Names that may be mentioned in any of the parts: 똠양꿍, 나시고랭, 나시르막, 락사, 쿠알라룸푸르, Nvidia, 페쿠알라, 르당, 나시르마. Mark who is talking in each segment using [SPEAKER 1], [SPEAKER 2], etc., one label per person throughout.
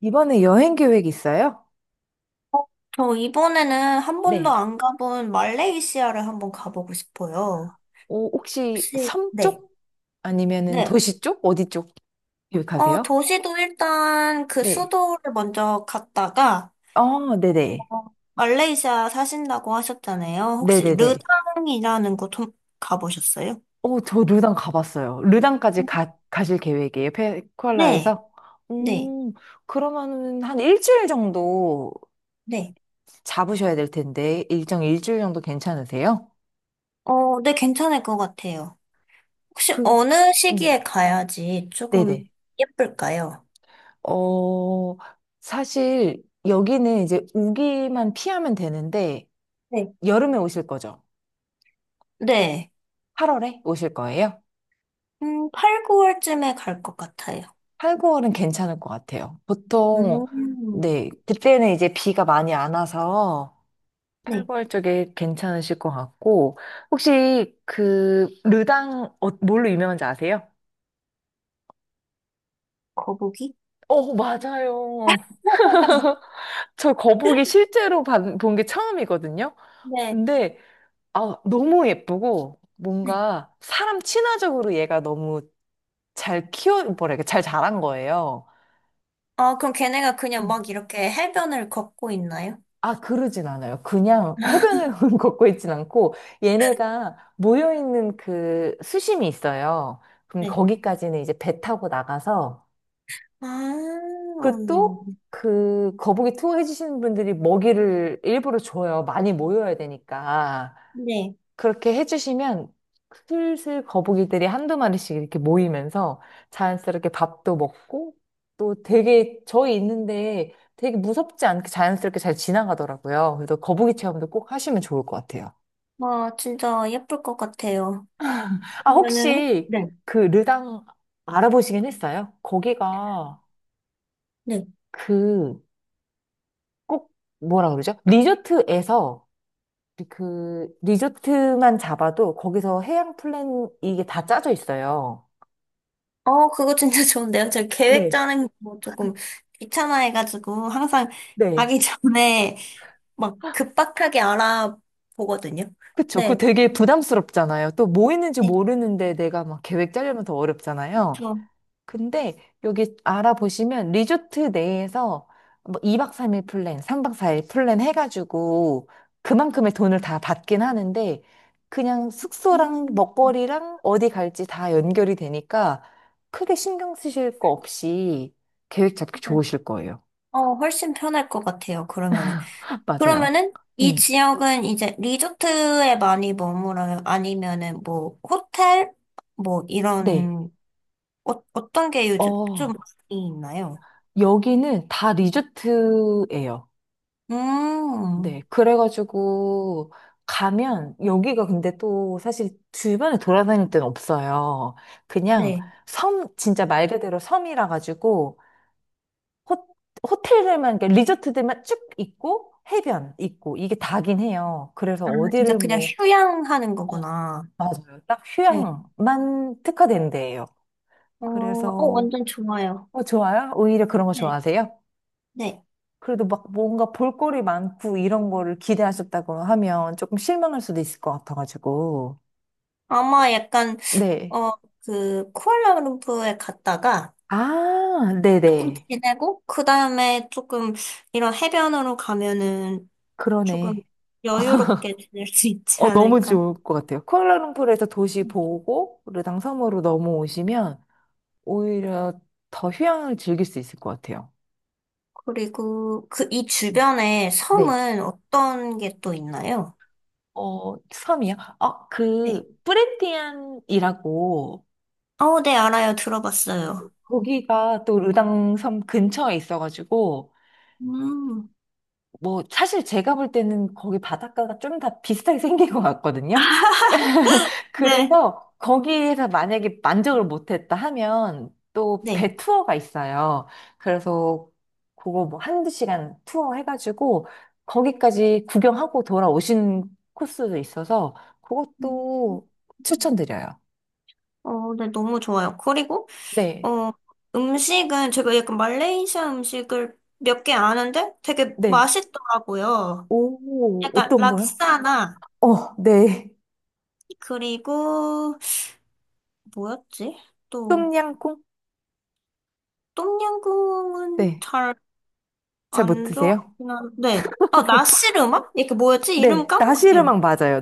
[SPEAKER 1] 이번에 여행 계획 있어요?
[SPEAKER 2] 어, 저 이번에는 한 번도
[SPEAKER 1] 네.
[SPEAKER 2] 안 가본 말레이시아를 한번 가보고 싶어요.
[SPEAKER 1] 오, 혹시
[SPEAKER 2] 혹시,
[SPEAKER 1] 섬
[SPEAKER 2] 네.
[SPEAKER 1] 쪽? 아니면은
[SPEAKER 2] 네.
[SPEAKER 1] 도시 쪽? 어디 쪽 계획하세요?
[SPEAKER 2] 도시도 일단 그
[SPEAKER 1] 네.
[SPEAKER 2] 수도를 먼저 갔다가,
[SPEAKER 1] 네네.
[SPEAKER 2] 어, 말레이시아 사신다고 하셨잖아요. 혹시
[SPEAKER 1] 네네네.
[SPEAKER 2] 르당이라는 곳 좀 가보셨어요?
[SPEAKER 1] 저 르당 가봤어요. 르당까지 가실 계획이에요.
[SPEAKER 2] 네.
[SPEAKER 1] 페쿠알라에서?
[SPEAKER 2] 네.
[SPEAKER 1] 음, 그러면은 한 일주일 정도
[SPEAKER 2] 네.
[SPEAKER 1] 잡으셔야 될 텐데, 일정 일주일 정도 괜찮으세요?
[SPEAKER 2] 네, 괜찮을 것 같아요. 혹시
[SPEAKER 1] 그,
[SPEAKER 2] 어느
[SPEAKER 1] 음,
[SPEAKER 2] 시기에 가야지 조금
[SPEAKER 1] 네네.
[SPEAKER 2] 예쁠까요?
[SPEAKER 1] 어, 사실 여기는 이제 우기만 피하면 되는데,
[SPEAKER 2] 네.
[SPEAKER 1] 여름에 오실 거죠?
[SPEAKER 2] 네.
[SPEAKER 1] 8월에 오실 거예요?
[SPEAKER 2] 8, 9월쯤에 갈 것 같아요.
[SPEAKER 1] 8, 9월은 괜찮을 것 같아요. 보통,
[SPEAKER 2] 음,
[SPEAKER 1] 네, 그때는 이제 비가 많이 안 와서 8,
[SPEAKER 2] 네.
[SPEAKER 1] 9월 쪽에 괜찮으실 것 같고, 혹시 그, 르당, 뭘로 유명한지 아세요?
[SPEAKER 2] 거북이?
[SPEAKER 1] 어, 맞아요. 저 거북이 실제로 본 게 처음이거든요.
[SPEAKER 2] 네.
[SPEAKER 1] 근데 아, 너무 예쁘고
[SPEAKER 2] 네.
[SPEAKER 1] 뭔가 사람 친화적으로 얘가 너무 잘 키워 뭐라 해잘 자란 거예요.
[SPEAKER 2] 아, 그럼 걔네가 그냥 막 이렇게 해변을 걷고 있나요?
[SPEAKER 1] 아, 그러진 않아요. 그냥 해변을 걷고 있진 않고, 얘네가 모여있는 그 수심이 있어요. 그럼
[SPEAKER 2] 네.
[SPEAKER 1] 거기까지는 이제 배 타고 나가서,
[SPEAKER 2] 아,
[SPEAKER 1] 그또 그 거북이 투어 해주시는 분들이 먹이를 일부러 줘요. 많이 모여야 되니까.
[SPEAKER 2] 네.
[SPEAKER 1] 그렇게 해주시면 슬슬 거북이들이 한두 마리씩 이렇게 모이면서 자연스럽게 밥도 먹고 또 되게 저희 있는데 되게 무섭지 않게 자연스럽게 잘 지나가더라고요. 그래서 거북이 체험도 꼭 하시면 좋을 것 같아요.
[SPEAKER 2] 와, 진짜 예쁠 것 같아요.
[SPEAKER 1] 아,
[SPEAKER 2] 그러면은,
[SPEAKER 1] 혹시
[SPEAKER 2] 네.
[SPEAKER 1] 그 르당 알아보시긴 했어요? 거기가
[SPEAKER 2] 네.
[SPEAKER 1] 그 꼭 뭐라 그러죠? 리조트에서 그 리조트만 잡아도 거기서 해양 플랜 이게 다 짜져 있어요.
[SPEAKER 2] 그거 진짜 좋은데요? 저 계획
[SPEAKER 1] 네.
[SPEAKER 2] 짜는 거 조금 귀찮아해가지고 항상
[SPEAKER 1] 네.
[SPEAKER 2] 가기 전에 막 급박하게 알아보거든요.
[SPEAKER 1] 그쵸. 그거
[SPEAKER 2] 네.
[SPEAKER 1] 되게 부담스럽잖아요. 또 뭐 있는지
[SPEAKER 2] 네.
[SPEAKER 1] 모르는데 내가 막 계획 짜려면 더 어렵잖아요.
[SPEAKER 2] 저,
[SPEAKER 1] 근데 여기 알아보시면 리조트 내에서 뭐 2박 3일 플랜, 3박 4일 플랜 해가지고 그만큼의 돈을 다 받긴 하는데 그냥 숙소랑
[SPEAKER 2] 음,
[SPEAKER 1] 먹거리랑 어디 갈지 다 연결이 되니까 크게 신경 쓰실 거 없이 계획 잡기
[SPEAKER 2] 네.
[SPEAKER 1] 좋으실 거예요.
[SPEAKER 2] 훨씬 편할 것 같아요, 그러면은.
[SPEAKER 1] 맞아요.
[SPEAKER 2] 그러면은 이
[SPEAKER 1] 음,
[SPEAKER 2] 지역은 이제 리조트에 많이 머물어요? 아니면은 뭐 호텔? 뭐
[SPEAKER 1] 네.
[SPEAKER 2] 이런 어떤 게 요즘 좀
[SPEAKER 1] 어,
[SPEAKER 2] 많이 있나요?
[SPEAKER 1] 여기는 다 리조트예요. 네,
[SPEAKER 2] 음,
[SPEAKER 1] 그래가지고 가면 여기가 근데 또 사실 주변에 돌아다닐 데는 없어요. 그냥
[SPEAKER 2] 네.
[SPEAKER 1] 섬, 진짜 말 그대로 섬이라 가지고 호, 호텔들만, 그러니까 리조트들만 쭉 있고 해변 있고 이게 다긴 해요. 그래서
[SPEAKER 2] 아, 진짜
[SPEAKER 1] 어디를
[SPEAKER 2] 그냥
[SPEAKER 1] 뭐,
[SPEAKER 2] 휴양하는
[SPEAKER 1] 어,
[SPEAKER 2] 거구나.
[SPEAKER 1] 맞아요. 딱
[SPEAKER 2] 네.
[SPEAKER 1] 휴양만 특화된 데예요. 그래서
[SPEAKER 2] 완전 좋아요.
[SPEAKER 1] 어, 좋아요? 오히려 그런 거
[SPEAKER 2] 네.
[SPEAKER 1] 좋아하세요?
[SPEAKER 2] 네.
[SPEAKER 1] 그래도 막 뭔가 볼거리 많고 이런 거를 기대하셨다고 하면 조금 실망할 수도 있을 것 같아가지고.
[SPEAKER 2] 아마 약간
[SPEAKER 1] 네.
[SPEAKER 2] 어, 그 쿠알라룸푸르에 갔다가
[SPEAKER 1] 아,
[SPEAKER 2] 조금
[SPEAKER 1] 네네.
[SPEAKER 2] 지내고 그 다음에 조금 이런 해변으로 가면은 조금
[SPEAKER 1] 그러네.
[SPEAKER 2] 여유롭게 지낼 수 있지
[SPEAKER 1] 어, 너무
[SPEAKER 2] 않을까?
[SPEAKER 1] 좋을 것 같아요. 쿠알라룸푸르에서 도시 보고 르당 섬으로 넘어오시면 오히려 더 휴양을 즐길 수 있을 것 같아요.
[SPEAKER 2] 그리고 그 이
[SPEAKER 1] 음.
[SPEAKER 2] 주변에
[SPEAKER 1] 네.
[SPEAKER 2] 섬은 어떤 게 또 있나요?
[SPEAKER 1] 어, 섬이요? 그,
[SPEAKER 2] 네.
[SPEAKER 1] 뿌레티안이라고
[SPEAKER 2] 네, 알아요. 들어봤어요.
[SPEAKER 1] 거기가 또 르당 섬 근처에 있어가지고
[SPEAKER 2] 음.
[SPEAKER 1] 뭐, 사실 제가 볼 때는 거기 바닷가가 좀 다 비슷하게 생긴 것 같거든요.
[SPEAKER 2] 네.
[SPEAKER 1] 그래서 거기에서 만약에 만족을 못했다 하면 또
[SPEAKER 2] 네.
[SPEAKER 1] 배 투어가 있어요. 그래서 그거 뭐 한두 시간 투어 해가지고 거기까지 구경하고 돌아오신 코스도 있어서
[SPEAKER 2] 음.
[SPEAKER 1] 그것도 추천드려요.
[SPEAKER 2] 네, 너무 좋아요. 그리고,
[SPEAKER 1] 네,
[SPEAKER 2] 어, 음식은 제가 약간 말레이시아 음식을 몇 개 아는데 되게
[SPEAKER 1] 네.
[SPEAKER 2] 맛있더라고요.
[SPEAKER 1] 오,
[SPEAKER 2] 약간
[SPEAKER 1] 어떤 거요?
[SPEAKER 2] 락사나,
[SPEAKER 1] 어, 네.
[SPEAKER 2] 그리고, 뭐였지? 또,
[SPEAKER 1] 똠양꿍?
[SPEAKER 2] 똠양꿍은
[SPEAKER 1] 네.
[SPEAKER 2] 잘
[SPEAKER 1] 잘 못
[SPEAKER 2] 안
[SPEAKER 1] 드세요?
[SPEAKER 2] 좋아하긴 한데, 나시르마? 이게 뭐였지? 이름
[SPEAKER 1] 네,
[SPEAKER 2] 까먹었어요.
[SPEAKER 1] 나시르막 맞아요.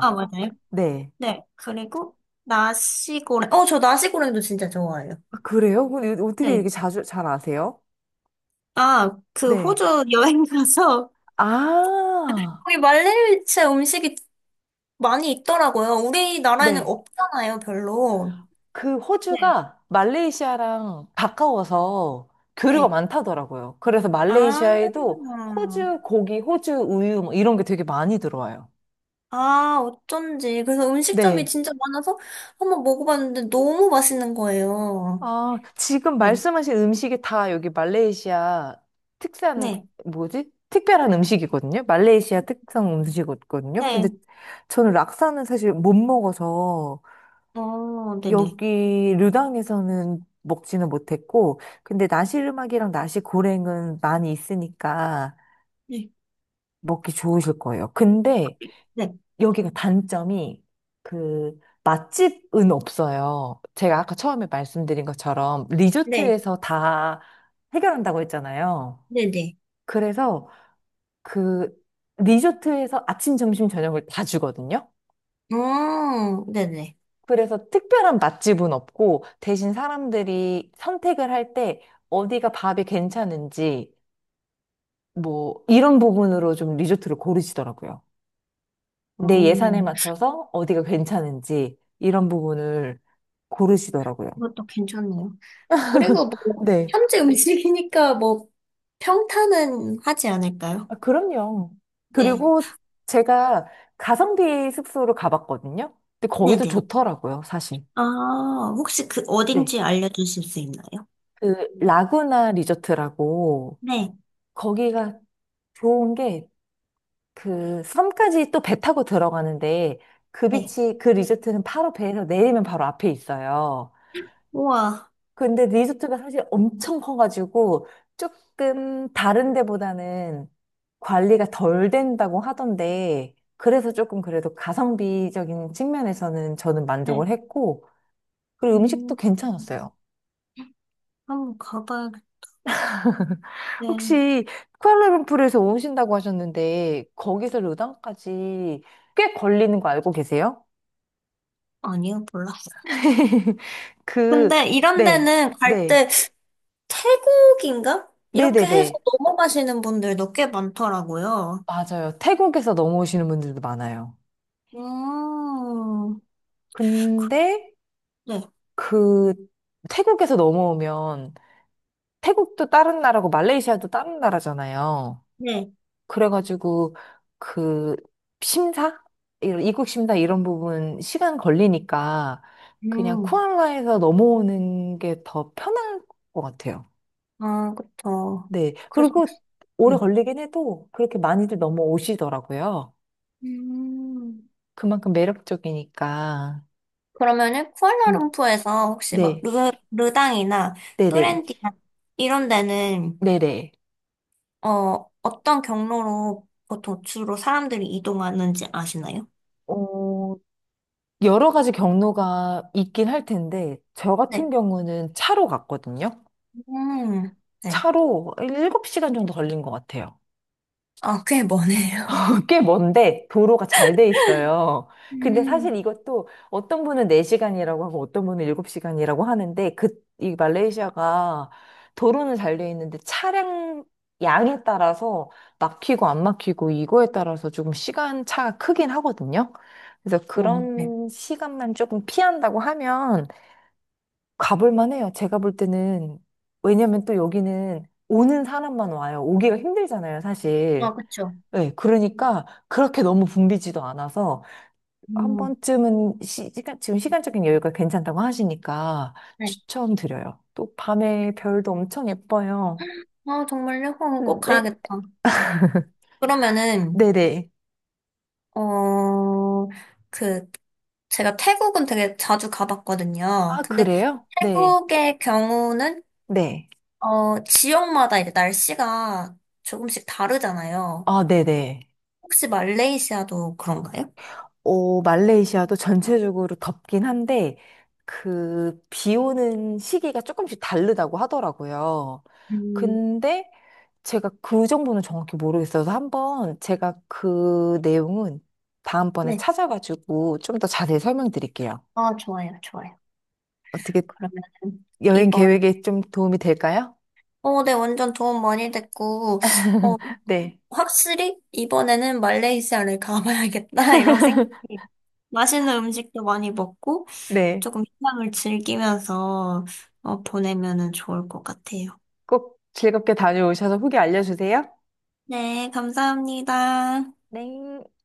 [SPEAKER 2] 아, 맞아요.
[SPEAKER 1] 네.
[SPEAKER 2] 네. 그리고, 나시고랭. 저 나시고랭도 진짜 좋아해요.
[SPEAKER 1] 아, 그래요? 근데 어떻게
[SPEAKER 2] 네.
[SPEAKER 1] 이렇게 자주 잘 아세요?
[SPEAKER 2] 아, 그
[SPEAKER 1] 네.
[SPEAKER 2] 호주 여행 가서,
[SPEAKER 1] 아,
[SPEAKER 2] 거기 말레이시아 음식이 많이 있더라고요. 우리나라에는
[SPEAKER 1] 네.
[SPEAKER 2] 없잖아요, 별로.
[SPEAKER 1] 그
[SPEAKER 2] 네.
[SPEAKER 1] 호주가 말레이시아랑 가까워서 교류가
[SPEAKER 2] 네.
[SPEAKER 1] 많다더라고요. 그래서
[SPEAKER 2] 아,
[SPEAKER 1] 말레이시아에도 호주 고기, 호주 우유 뭐 이런 게 되게 많이 들어와요.
[SPEAKER 2] 아, 어쩐지. 그래서 음식점이
[SPEAKER 1] 네.
[SPEAKER 2] 진짜 많아서 한번 먹어봤는데 너무 맛있는 거예요.
[SPEAKER 1] 아, 지금
[SPEAKER 2] 네.
[SPEAKER 1] 말씀하신 음식이 다 여기 말레이시아 특산,
[SPEAKER 2] 네.
[SPEAKER 1] 뭐지? 특별한 음식이거든요. 말레이시아 특성 음식이거든요. 근데
[SPEAKER 2] 네.
[SPEAKER 1] 저는 락사는 사실 못 먹어서
[SPEAKER 2] 어, 네네.
[SPEAKER 1] 여기 르당에서는 먹지는 못했고, 근데 나시르막이랑 나시고랭은 많이 있으니까
[SPEAKER 2] 네.
[SPEAKER 1] 먹기 좋으실 거예요. 근데
[SPEAKER 2] 네,
[SPEAKER 1] 여기가 단점이 그 맛집은 없어요. 제가 아까 처음에 말씀드린 것처럼
[SPEAKER 2] 네.
[SPEAKER 1] 리조트에서 다 해결한다고 했잖아요.
[SPEAKER 2] 네네.
[SPEAKER 1] 그래서 그 리조트에서 아침, 점심, 저녁을 다 주거든요.
[SPEAKER 2] 네네.
[SPEAKER 1] 그래서 특별한 맛집은 없고 대신 사람들이 선택을 할 때 어디가 밥이 괜찮은지 뭐 이런 부분으로 좀 리조트를 고르시더라고요.
[SPEAKER 2] 어,
[SPEAKER 1] 내 예산에 맞춰서 어디가 괜찮은지 이런 부분을 고르시더라고요.
[SPEAKER 2] 이것도 괜찮네요. 그리고 뭐,
[SPEAKER 1] 네.
[SPEAKER 2] 현지 음식이니까 뭐, 평탄은 하지 않을까요?
[SPEAKER 1] 아, 그럼요.
[SPEAKER 2] 네,
[SPEAKER 1] 그리고 제가 가성비 숙소로 가봤거든요. 근데 거기도
[SPEAKER 2] 네네.
[SPEAKER 1] 좋더라고요, 사실.
[SPEAKER 2] 아, 혹시 그
[SPEAKER 1] 네.
[SPEAKER 2] 어딘지 알려주실 수 있나요?
[SPEAKER 1] 그 라구나 리조트라고
[SPEAKER 2] 네,
[SPEAKER 1] 거기가 좋은 게 그 섬까지 또 배 타고 들어가는데 그
[SPEAKER 2] 네.
[SPEAKER 1] 비치 그 리조트는 바로 배에서 내리면 바로 앞에 있어요.
[SPEAKER 2] 우와,
[SPEAKER 1] 근데 리조트가 사실 엄청 커가지고 조금 다른 데보다는 관리가 덜 된다고 하던데 그래서 조금 그래도 가성비적인 측면에서는 저는
[SPEAKER 2] 네.
[SPEAKER 1] 만족을 했고 그리고 음식도
[SPEAKER 2] 음,
[SPEAKER 1] 괜찮았어요.
[SPEAKER 2] 한번 가봐야겠네.
[SPEAKER 1] 혹시 쿠알라룸푸르에서 오신다고 하셨는데 거기서 르당까지 꽤 걸리는 거 알고 계세요?
[SPEAKER 2] 아니요, 몰랐어요.
[SPEAKER 1] 그,
[SPEAKER 2] 근데 이런
[SPEAKER 1] 네,
[SPEAKER 2] 데는 갈
[SPEAKER 1] 네,
[SPEAKER 2] 때 태국인가? 이렇게 해서
[SPEAKER 1] 네네네.
[SPEAKER 2] 넘어가시는 분들도 꽤 많더라고요.
[SPEAKER 1] 맞아요. 태국에서 넘어오시는 분들도 많아요.
[SPEAKER 2] 음,
[SPEAKER 1] 근데
[SPEAKER 2] 네,
[SPEAKER 1] 그 태국에서 넘어오면 태국도 다른 나라고 말레이시아도 다른 나라잖아요.
[SPEAKER 2] 네,
[SPEAKER 1] 그래가지고 그 심사? 이런 입국 심사 이런 부분 시간 걸리니까 그냥
[SPEAKER 2] 음,
[SPEAKER 1] 쿠알라에서 넘어오는 게 더 편할 것 같아요.
[SPEAKER 2] 아, 그쵸.
[SPEAKER 1] 네.
[SPEAKER 2] 그래서,
[SPEAKER 1] 그리고 오래
[SPEAKER 2] 음.
[SPEAKER 1] 걸리긴 해도 그렇게 많이들 넘어오시더라고요.
[SPEAKER 2] 음.
[SPEAKER 1] 그만큼 매력적이니까.
[SPEAKER 2] 그러면은,
[SPEAKER 1] 음,
[SPEAKER 2] 쿠알라룸푸르에서 혹시 막,
[SPEAKER 1] 네.
[SPEAKER 2] 르당이나
[SPEAKER 1] 네네.
[SPEAKER 2] 뿌렌디나 이런 데는,
[SPEAKER 1] 네네.
[SPEAKER 2] 어떤 경로로 보통 주로 사람들이 이동하는지 아시나요?
[SPEAKER 1] 어, 여러 가지 경로가 있긴 할 텐데, 저 같은
[SPEAKER 2] 네.
[SPEAKER 1] 경우는 차로 갔거든요.
[SPEAKER 2] 음, 네.
[SPEAKER 1] 차로 7시간 정도 걸린 것 같아요.
[SPEAKER 2] 아, 꽤 머네요.
[SPEAKER 1] 꽤 먼데 도로가 잘 돼 있어요. 근데 사실
[SPEAKER 2] 음,
[SPEAKER 1] 이것도 어떤 분은 4시간이라고 하고 어떤 분은 7시간이라고 하는데, 그, 이 말레이시아가 도로는 잘 돼 있는데 차량 양에 따라서 막히고 안 막히고 이거에 따라서 조금 시간 차가 크긴 하거든요. 그래서
[SPEAKER 2] 네.
[SPEAKER 1] 그런 시간만 조금 피한다고 하면 가볼 만해요. 제가 볼 때는. 왜냐면 또 여기는 오는 사람만 와요. 오기가 힘들잖아요,
[SPEAKER 2] 아,
[SPEAKER 1] 사실.
[SPEAKER 2] 그쵸.
[SPEAKER 1] 네, 그러니까 그렇게 너무 붐비지도 않아서 한
[SPEAKER 2] 음.
[SPEAKER 1] 번쯤은 간 지금 시간적인 여유가 괜찮다고 하시니까
[SPEAKER 2] 네.
[SPEAKER 1] 추천드려요. 또 밤에 별도 엄청 예뻐요.
[SPEAKER 2] 아, 정말요? 그럼 꼭
[SPEAKER 1] 네,
[SPEAKER 2] 가야겠다. 그러면은,
[SPEAKER 1] 네네.
[SPEAKER 2] 어, 그, 제가 태국은 되게 자주 가봤거든요.
[SPEAKER 1] 아,
[SPEAKER 2] 근데
[SPEAKER 1] 그래요? 네,
[SPEAKER 2] 태국의 경우는,
[SPEAKER 1] 네.
[SPEAKER 2] 지역마다 이제 날씨가 조금씩 다르잖아요.
[SPEAKER 1] 아, 네네.
[SPEAKER 2] 혹시 말레이시아도 그런가요?
[SPEAKER 1] 오, 말레이시아도 전체적으로 덥긴 한데, 그, 비 오는 시기가 조금씩 다르다고 하더라고요.
[SPEAKER 2] 음,
[SPEAKER 1] 근데 제가 그 정보는 정확히 모르겠어서 한번 제가 그 내용은 다음번에
[SPEAKER 2] 네.
[SPEAKER 1] 찾아가지고 좀 더 자세히 설명드릴게요.
[SPEAKER 2] 아, 좋아요, 좋아요.
[SPEAKER 1] 어떻게
[SPEAKER 2] 그러면은,
[SPEAKER 1] 여행
[SPEAKER 2] 이번,
[SPEAKER 1] 계획에 좀 도움이 될까요?
[SPEAKER 2] 네, 완전 도움 많이 됐고, 어,
[SPEAKER 1] 네.
[SPEAKER 2] 확실히 이번에는 말레이시아를 가봐야겠다 이런 생각이 맛있는 음식도 많이 먹고
[SPEAKER 1] 네.
[SPEAKER 2] 조금 휴양을 즐기면서 보내면은 좋을 것 같아요.
[SPEAKER 1] 꼭 즐겁게 다녀오셔서 후기 알려주세요.
[SPEAKER 2] 네, 감사합니다.
[SPEAKER 1] 네.